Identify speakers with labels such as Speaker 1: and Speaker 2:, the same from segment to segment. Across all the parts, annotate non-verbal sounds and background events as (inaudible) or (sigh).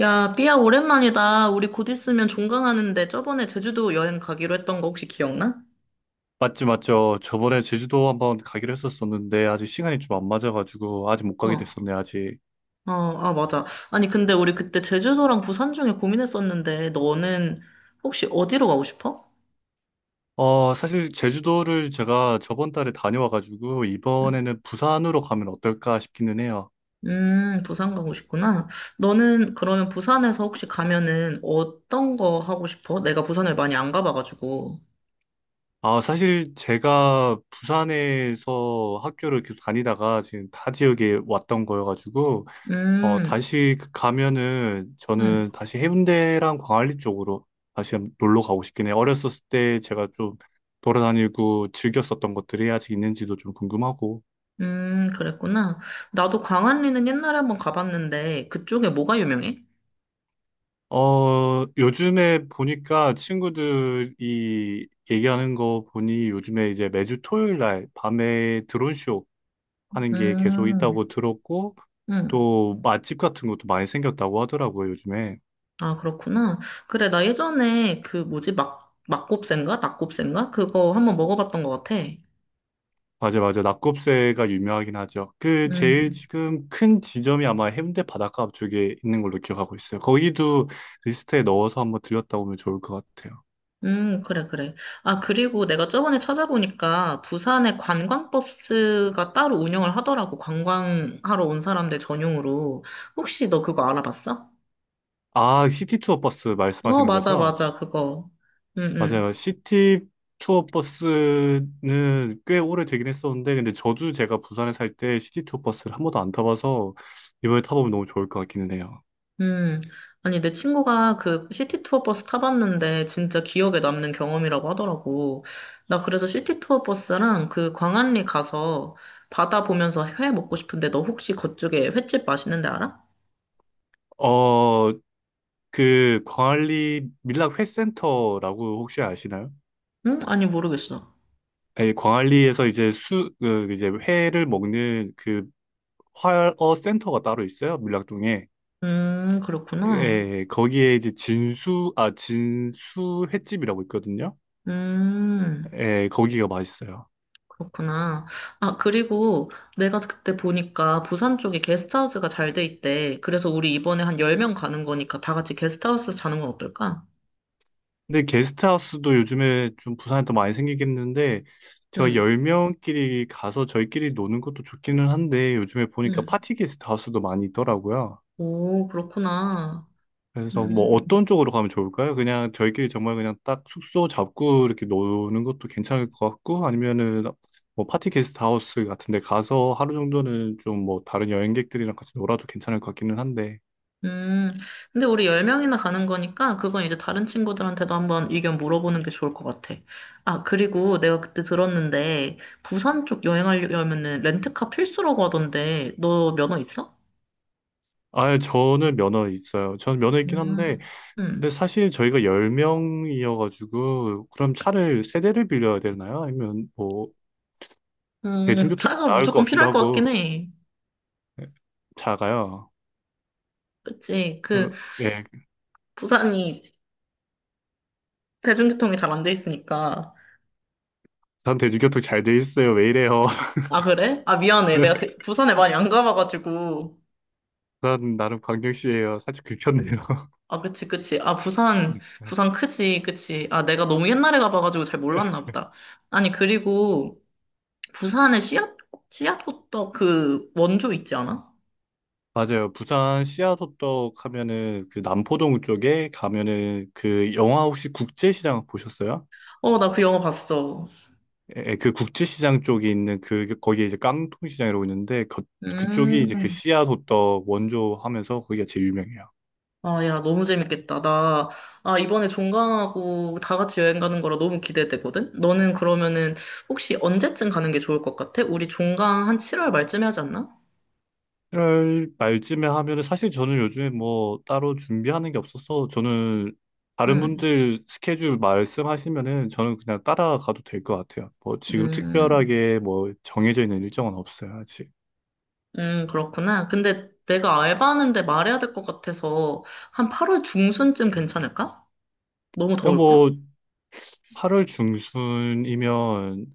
Speaker 1: 야, 삐야, 오랜만이다. 우리 곧 있으면 종강하는데 저번에 제주도 여행 가기로 했던 거 혹시 기억나?
Speaker 2: 맞지, 맞죠. 저번에 제주도 한번 가기로 했었었는데, 아직 시간이 좀 안 맞아가지고, 아직 못 가게
Speaker 1: 어,
Speaker 2: 됐었네, 아직.
Speaker 1: 어, 아, 맞아. 아니, 근데 우리 그때 제주도랑 부산 중에 고민했었는데 너는 혹시 어디로 가고 싶어?
Speaker 2: 사실 제주도를 제가 저번 달에 다녀와가지고,
Speaker 1: 음,
Speaker 2: 이번에는 부산으로 가면 어떨까 싶기는 해요.
Speaker 1: 부산 가고 싶구나. 너는 그러면 부산에서 혹시 가면은 어떤 거 하고 싶어? 내가 부산을 많이 안 가봐가지고.
Speaker 2: 아, 사실 제가 부산에서 학교를 계속 다니다가 지금 타 지역에 왔던 거여가지고,
Speaker 1: 음,
Speaker 2: 다시 가면은
Speaker 1: 음,
Speaker 2: 저는 다시 해운대랑 광안리 쪽으로 다시 한번 놀러 가고 싶긴 해요. 어렸었을 때 제가 좀 돌아다니고 즐겼었던 것들이 아직 있는지도 좀 궁금하고.
Speaker 1: 그랬구나. 나도 광안리는 옛날에 한번 가봤는데 그쪽에 뭐가 유명해?
Speaker 2: 요즘에 보니까 친구들이 얘기하는 거 보니 요즘에 이제 매주 토요일 날 밤에 드론쇼 하는 게 계속
Speaker 1: 음,
Speaker 2: 있다고 들었고,
Speaker 1: 음.
Speaker 2: 또 맛집 같은 것도 많이 생겼다고 하더라고요, 요즘에.
Speaker 1: 아, 그렇구나. 그래, 나 예전에 그 뭐지, 막, 막곱새인가? 낙곱새인가? 그거 한번 먹어봤던 것 같아.
Speaker 2: 맞아, 맞아. 낙곱새가 유명하긴 하죠. 그 제일
Speaker 1: 음,
Speaker 2: 지금 큰 지점이 아마 해운대 바닷가 앞쪽에 있는 걸로 기억하고 있어요. 거기도 리스트에 넣어서 한번 들렸다 오면 좋을 것 같아요.
Speaker 1: 그래, 그래. 아, 그리고 내가 저번에 찾아보니까 부산에 관광버스가 따로 운영을 하더라고. 관광하러 온 사람들 전용으로. 혹시 너 그거 알아봤어?
Speaker 2: 아, 시티 투어 버스
Speaker 1: 어,
Speaker 2: 말씀하시는
Speaker 1: 맞아,
Speaker 2: 거죠?
Speaker 1: 맞아, 그거. 응, 응.
Speaker 2: 맞아요. 시티 투어 버스는 꽤 오래 되긴 했었는데, 근데 저도 제가 부산에 살 때 시티 투어 버스를 한 번도 안 타봐서 이번에 타보면 너무 좋을 것 같기는 해요.
Speaker 1: 음, 아니, 내 친구가 그 시티 투어 버스 타봤는데 진짜 기억에 남는 경험이라고 하더라고. 나 그래서 시티 투어 버스랑 그 광안리 가서 바다 보면서 회 먹고 싶은데 너 혹시 그쪽에 횟집 맛있는 데 알아?
Speaker 2: 어, 그 광안리 밀락 회센터라고 혹시 아시나요?
Speaker 1: 응? 아니, 모르겠어.
Speaker 2: 아니, 광안리에서 이제 회를 먹는 그 활어 센터가 따로 있어요, 밀락동에.
Speaker 1: 그렇구나.
Speaker 2: 예, 거기에 이제 진수 횟집이라고 있거든요.
Speaker 1: 음,
Speaker 2: 예, 거기가 맛있어요.
Speaker 1: 그렇구나. 아, 그리고 내가 그때 보니까 부산 쪽에 게스트하우스가 잘 돼 있대. 그래서 우리 이번에 한 10명 가는 거니까 다 같이 게스트하우스 자는 건 어떨까?
Speaker 2: 근데 게스트하우스도 요즘에 좀 부산에 더 많이 생기긴 했는데, 저희
Speaker 1: 응,
Speaker 2: 10명끼리 가서 저희끼리 노는 것도 좋기는 한데, 요즘에 보니까
Speaker 1: 응.
Speaker 2: 파티 게스트하우스도 많이 있더라고요.
Speaker 1: 오, 그렇구나.
Speaker 2: 그래서 뭐
Speaker 1: 음,
Speaker 2: 어떤 쪽으로 가면 좋을까요? 그냥 저희끼리 정말 그냥 딱 숙소 잡고 이렇게 노는 것도 괜찮을 것 같고, 아니면은 뭐 파티 게스트 하우스 같은 데 가서 하루 정도는 좀 뭐 다른 여행객들이랑 같이 놀아도 괜찮을 것 같기는 한데.
Speaker 1: 음. 근데 우리 10명이나 가는 거니까 그건 이제 다른 친구들한테도 한번 의견 물어보는 게 좋을 것 같아. 아, 그리고 내가 그때 들었는데 부산 쪽 여행하려면은 렌트카 필수라고 하던데 너 면허 있어?
Speaker 2: 아, 저는 면허 있어요. 저는 면허 있긴 한데,
Speaker 1: 음,
Speaker 2: 근데
Speaker 1: 음,
Speaker 2: 사실 저희가 10명이어가지고 그럼 차를 세 대를 빌려야 되나요? 아니면 뭐 대중교통이
Speaker 1: 차가
Speaker 2: 더 나을 것
Speaker 1: 무조건
Speaker 2: 같기도
Speaker 1: 필요할 것 같긴
Speaker 2: 하고.
Speaker 1: 해.
Speaker 2: 네, 작아요.
Speaker 1: 그치. 그,
Speaker 2: 별로- 예,
Speaker 1: 부산이 대중교통이 잘 안 돼 있으니까.
Speaker 2: 전 대중교통 잘 돼 있어요. 왜 이래요?
Speaker 1: 아, 그래? 아, 미안해. 내가
Speaker 2: (laughs)
Speaker 1: 부산에 많이 안 가봐가지고.
Speaker 2: 부산 나름 광역시예요. 살짝 긁혔네요.
Speaker 1: 아, 그치, 그치. 아, 부산, 부산
Speaker 2: (laughs)
Speaker 1: 크지, 그치. 아, 내가 너무 옛날에 가봐가지고 잘 몰랐나 보다. 아니, 그리고 부산에 씨앗 호떡 그 원조 있지 않아?
Speaker 2: 맞아요. 부산 씨앗호떡 하면은 그 남포동 쪽에 가면은, 그 영화 혹시 국제시장 보셨어요?
Speaker 1: 어, 나 그 영화 봤어.
Speaker 2: 예, 그 국제시장 쪽에 있는 그 거기에 이제 깡통시장이라고 있는데, 그쪽이 이제 그
Speaker 1: 음,
Speaker 2: 씨앗호떡 원조 하면서 거기가 제일 유명해요.
Speaker 1: 아, 야, 너무 재밌겠다. 나, 아, 이번에 종강하고 다 같이 여행 가는 거라 너무 기대되거든? 너는 그러면은 혹시 언제쯤 가는 게 좋을 것 같아? 우리 종강 한 7월 말쯤에 하지 않나?
Speaker 2: 7월 말쯤에 하면은 사실 저는 요즘에 뭐 따로 준비하는 게 없어서, 저는 다른
Speaker 1: 응,
Speaker 2: 분들 스케줄 말씀하시면은 저는 그냥 따라가도 될 것 같아요. 뭐 지금
Speaker 1: 음,
Speaker 2: 특별하게 뭐 정해져 있는 일정은 없어요, 아직.
Speaker 1: 그렇구나. 근데 내가 알바하는데 말해야 될 것 같아서 한 8월 중순쯤 괜찮을까? 너무
Speaker 2: 그냥
Speaker 1: 더울까?
Speaker 2: 뭐 8월 중순이면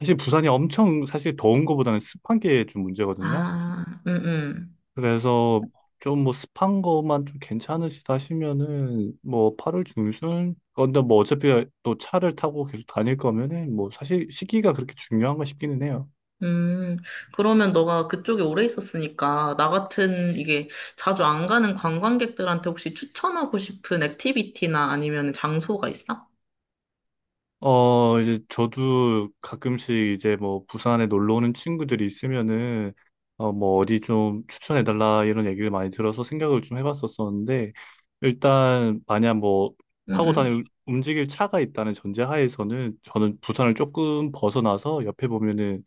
Speaker 2: 사실 부산이 엄청 사실 더운 것보다는 습한 게 좀 문제거든요.
Speaker 1: 아,
Speaker 2: 그래서 좀 뭐 습한 것만 좀 괜찮으시다 하시면은 뭐 8월 중순 건데, 뭐 어차피 또 차를 타고 계속 다닐 거면은 뭐 사실 시기가 그렇게 중요한가 싶기는 해요.
Speaker 1: 음, 그러면 너가 그쪽에 오래 있었으니까 나 같은 이게 자주 안 가는 관광객들한테 혹시 추천하고 싶은 액티비티나 아니면 장소가 있어?
Speaker 2: 이제 저도 가끔씩 이제 뭐 부산에 놀러 오는 친구들이 있으면은 뭐 어디 좀 추천해 달라 이런 얘기를 많이 들어서 생각을 좀 해봤었었는데, 일단 만약 뭐 타고
Speaker 1: 응,
Speaker 2: 다닐 움직일 차가 있다는 전제하에서는 저는 부산을 조금 벗어나서 옆에 보면은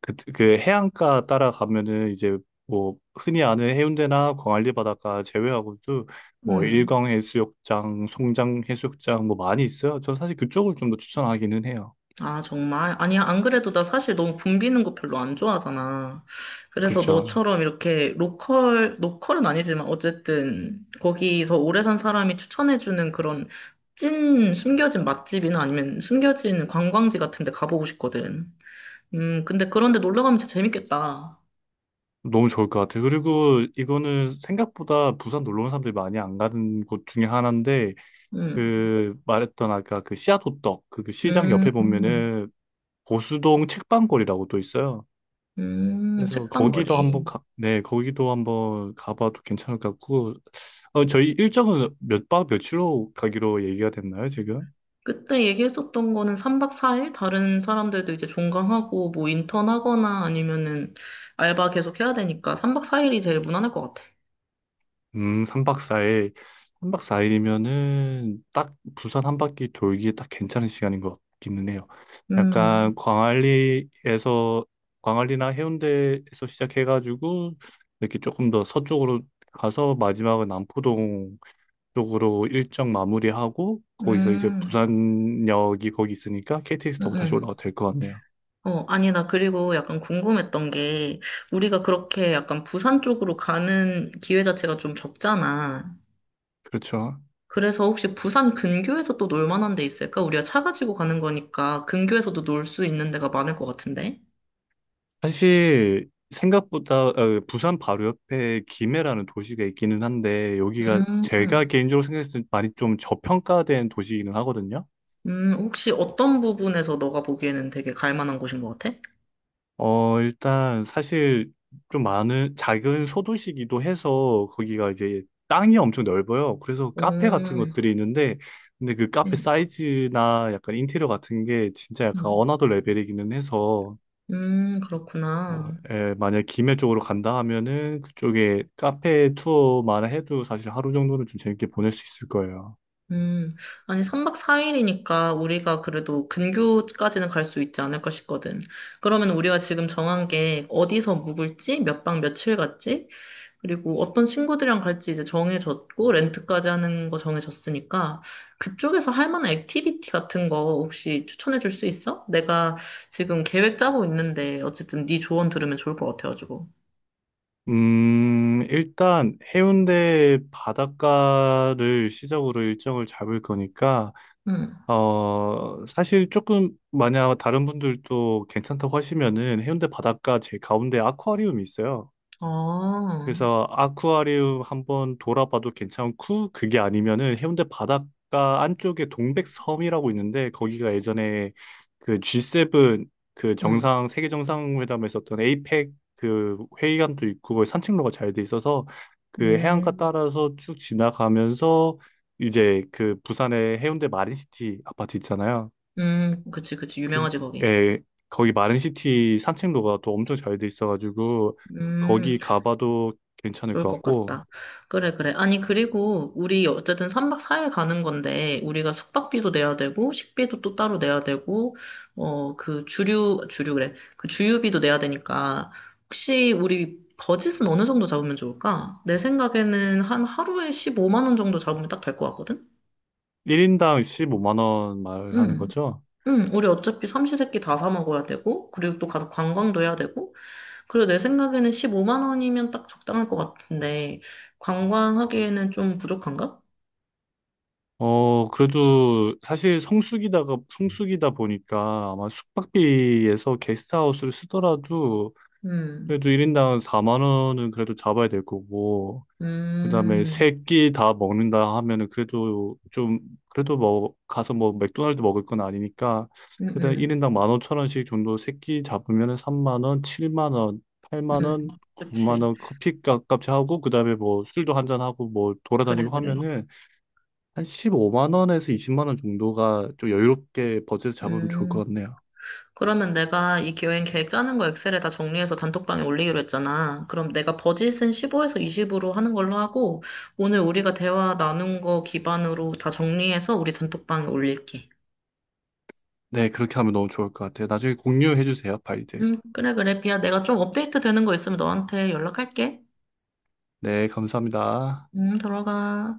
Speaker 2: 그 해안가 따라가면은, 이제 뭐 흔히 아는 해운대나 광안리 바닷가 제외하고도 뭐
Speaker 1: 응,
Speaker 2: 일광 해수욕장, 송장 해수욕장 뭐 많이 있어요. 저 사실 그쪽을 좀 더 추천하기는 해요.
Speaker 1: 아, 정말? 아니, 안 그래도 나 사실 너무 붐비는 거 별로 안 좋아하잖아. 그래서
Speaker 2: 그렇죠.
Speaker 1: 너처럼 이렇게 로컬, 로컬은 아니지만 어쨌든 거기서 오래 산 사람이 추천해주는 그런 찐 숨겨진 맛집이나 아니면 숨겨진 관광지 같은 데 가보고 싶거든. 근데 그런데 놀러 가면 진짜 재밌겠다.
Speaker 2: 너무 좋을 것 같아요. 그리고 이거는 생각보다 부산 놀러 온 사람들이 많이 안 가는 곳 중에 하나인데,
Speaker 1: 음,
Speaker 2: 그 말했던 아까 그 씨앗호떡 그 시장
Speaker 1: 음,
Speaker 2: 옆에
Speaker 1: 음,
Speaker 2: 보면은 보수동 책방골이라고 또 있어요. 그래서
Speaker 1: 책방거리.
Speaker 2: 네, 거기도 한번 가봐도 괜찮을 것 같고, 저희 일정은 몇 박 며칠로 가기로 얘기가 됐나요, 지금?
Speaker 1: 그때 얘기했었던 거는 3박 4일? 다른 사람들도 이제 종강하고 뭐 인턴하거나 아니면은 알바 계속 해야 되니까 3박 4일이 제일 무난할 것 같아.
Speaker 2: 3박 4일. 3박 4일이면은 딱 부산 한 바퀴 돌기에 딱 괜찮은 시간인 것 같기는 해요. 약간
Speaker 1: 음,
Speaker 2: 광안리나 해운대에서 시작해가지고, 이렇게 조금 더 서쪽으로 가서 마지막은 남포동 쪽으로 일정 마무리하고, 거기서 이제
Speaker 1: 음,
Speaker 2: 부산역이 거기 있으니까 KTX
Speaker 1: 음,
Speaker 2: 타고 다시
Speaker 1: 음.
Speaker 2: 올라가도 될 것 같네요.
Speaker 1: 어, 아니, 나 그리고 약간 궁금했던 게, 우리가 그렇게 약간 부산 쪽으로 가는 기회 자체가 좀 적잖아.
Speaker 2: 그렇죠.
Speaker 1: 그래서 혹시 부산 근교에서 또 놀 만한 데 있을까? 우리가 차 가지고 가는 거니까 근교에서도 놀 수 있는 데가 많을 것 같은데?
Speaker 2: 사실 생각보다 부산 바로 옆에 김해라는 도시가 있기는 한데, 여기가
Speaker 1: 음,
Speaker 2: 제가 개인적으로 생각했을 때 많이 좀 저평가된 도시이기는 하거든요.
Speaker 1: 혹시 어떤 부분에서 너가 보기에는 되게 갈 만한 곳인 것 같아?
Speaker 2: 일단 사실 좀 많은 작은 소도시기도 해서, 거기가 이제 땅이 엄청 넓어요. 그래서
Speaker 1: 오,
Speaker 2: 카페 같은 것들이 있는데, 근데 그 카페
Speaker 1: 음,
Speaker 2: 사이즈나 약간 인테리어 같은 게 진짜 약간
Speaker 1: 음,
Speaker 2: 어나더 레벨이기는 해서,
Speaker 1: 그렇구나.
Speaker 2: 만약 김해 쪽으로 간다 하면은 그쪽에 카페 투어만 해도 사실 하루 정도는 좀 재밌게 보낼 수 있을 거예요.
Speaker 1: 음, 아니, 3박 4일이니까 우리가 그래도 근교까지는 갈 수 있지 않을까 싶거든. 그러면 우리가 지금 정한 게 어디서 묵을지, 몇 박 며칠 갔지, 그리고 어떤 친구들이랑 갈지 이제 정해졌고, 렌트까지 하는 거 정해졌으니까, 그쪽에서 할 만한 액티비티 같은 거 혹시 추천해 줄 수 있어? 내가 지금 계획 짜고 있는데, 어쨌든 네 조언 들으면 좋을 것 같아가지고.
Speaker 2: 일단 해운대 바닷가를 시작으로 일정을 잡을 거니까,
Speaker 1: 응.
Speaker 2: 사실 조금 만약 다른 분들도 괜찮다고 하시면은 해운대 바닷가 제 가운데 아쿠아리움이 있어요.
Speaker 1: 아,
Speaker 2: 그래서 아쿠아리움 한번 돌아봐도 괜찮고, 그게 아니면은 해운대 바닷가 안쪽에 동백섬이라고 있는데 거기가 예전에 그 G7 그
Speaker 1: 응.
Speaker 2: 정상 세계 정상회담에 있었던 에이펙 그 회의관도 있고, 거기 산책로가 잘 돼 있어서 그 해안가
Speaker 1: 음,
Speaker 2: 따라서 쭉 지나가면서 이제 그 부산의 해운대 마린시티 아파트 있잖아요.
Speaker 1: 그치, 그치.
Speaker 2: 그,
Speaker 1: 유명하지, 거기.
Speaker 2: 에, 거기 마린시티 산책로가 또 엄청 잘 돼 있어가지고,
Speaker 1: 음.
Speaker 2: 거기 가봐도 괜찮을
Speaker 1: 좋을
Speaker 2: 것
Speaker 1: 것
Speaker 2: 같고,
Speaker 1: 같다. 그래, 그래. 아니, 그리고 우리 어쨌든 3박 4일 가는 건데, 우리가 숙박비도 내야 되고, 식비도 또 따로 내야 되고, 어, 그 주류, 주류 그래. 그 주유비도 내야 되니까, 혹시 우리 버짓은 어느 정도 잡으면 좋을까? 내 생각에는 한 하루에 15만 원 정도 잡으면 딱 될 것 같거든?
Speaker 2: 1인당 15만 원 말하는
Speaker 1: 응.
Speaker 2: 거죠?
Speaker 1: 응, 우리 어차피 삼시세끼 다 사 먹어야 되고, 그리고 또 가서 관광도 해야 되고, 그리고 내 생각에는 15만 원이면 딱 적당할 것 같은데, 관광하기에는 좀 부족한가?
Speaker 2: 그래도 사실 성수기다 보니까 아마 숙박비에서 게스트하우스를 쓰더라도,
Speaker 1: 음,
Speaker 2: 그래도 1인당 4만 원은 그래도 잡아야 될 거고, 그다음에
Speaker 1: 음,
Speaker 2: 세 끼 다 먹는다 하면은 그래도 좀, 그래도 뭐 가서 뭐 맥도날드 먹을 건 아니니까
Speaker 1: 음,
Speaker 2: 일단
Speaker 1: 음,
Speaker 2: 1인당 15,000원씩 정도 세 끼 잡으면은 3만 원, 7만 원, 8만
Speaker 1: 음.
Speaker 2: 원, 9만
Speaker 1: 그치.
Speaker 2: 원 커피값까지 하고, 그다음에 뭐 술도 한잔 하고 뭐
Speaker 1: 그래,
Speaker 2: 돌아다니고
Speaker 1: 그래.
Speaker 2: 하면은 한 15만 원에서 20만 원 정도가 좀 여유롭게 버젯 잡으면 좋을
Speaker 1: 음.
Speaker 2: 것 같네요.
Speaker 1: 그러면 내가 이 여행 계획 짜는 거 엑셀에 다 정리해서 단톡방에 올리기로 했잖아. 그럼 내가 버짓은 15에서 20으로 하는 걸로 하고, 오늘 우리가 대화 나눈 거 기반으로 다 정리해서 우리 단톡방에 올릴게.
Speaker 2: 네, 그렇게 하면 너무 좋을 것 같아요. 나중에 공유해 주세요, 파일들.
Speaker 1: 그래, 그래. 비야, 내가 좀 업데이트 되는 거 있으면 너한테 연락할게.
Speaker 2: 네, 감사합니다.
Speaker 1: 들어가.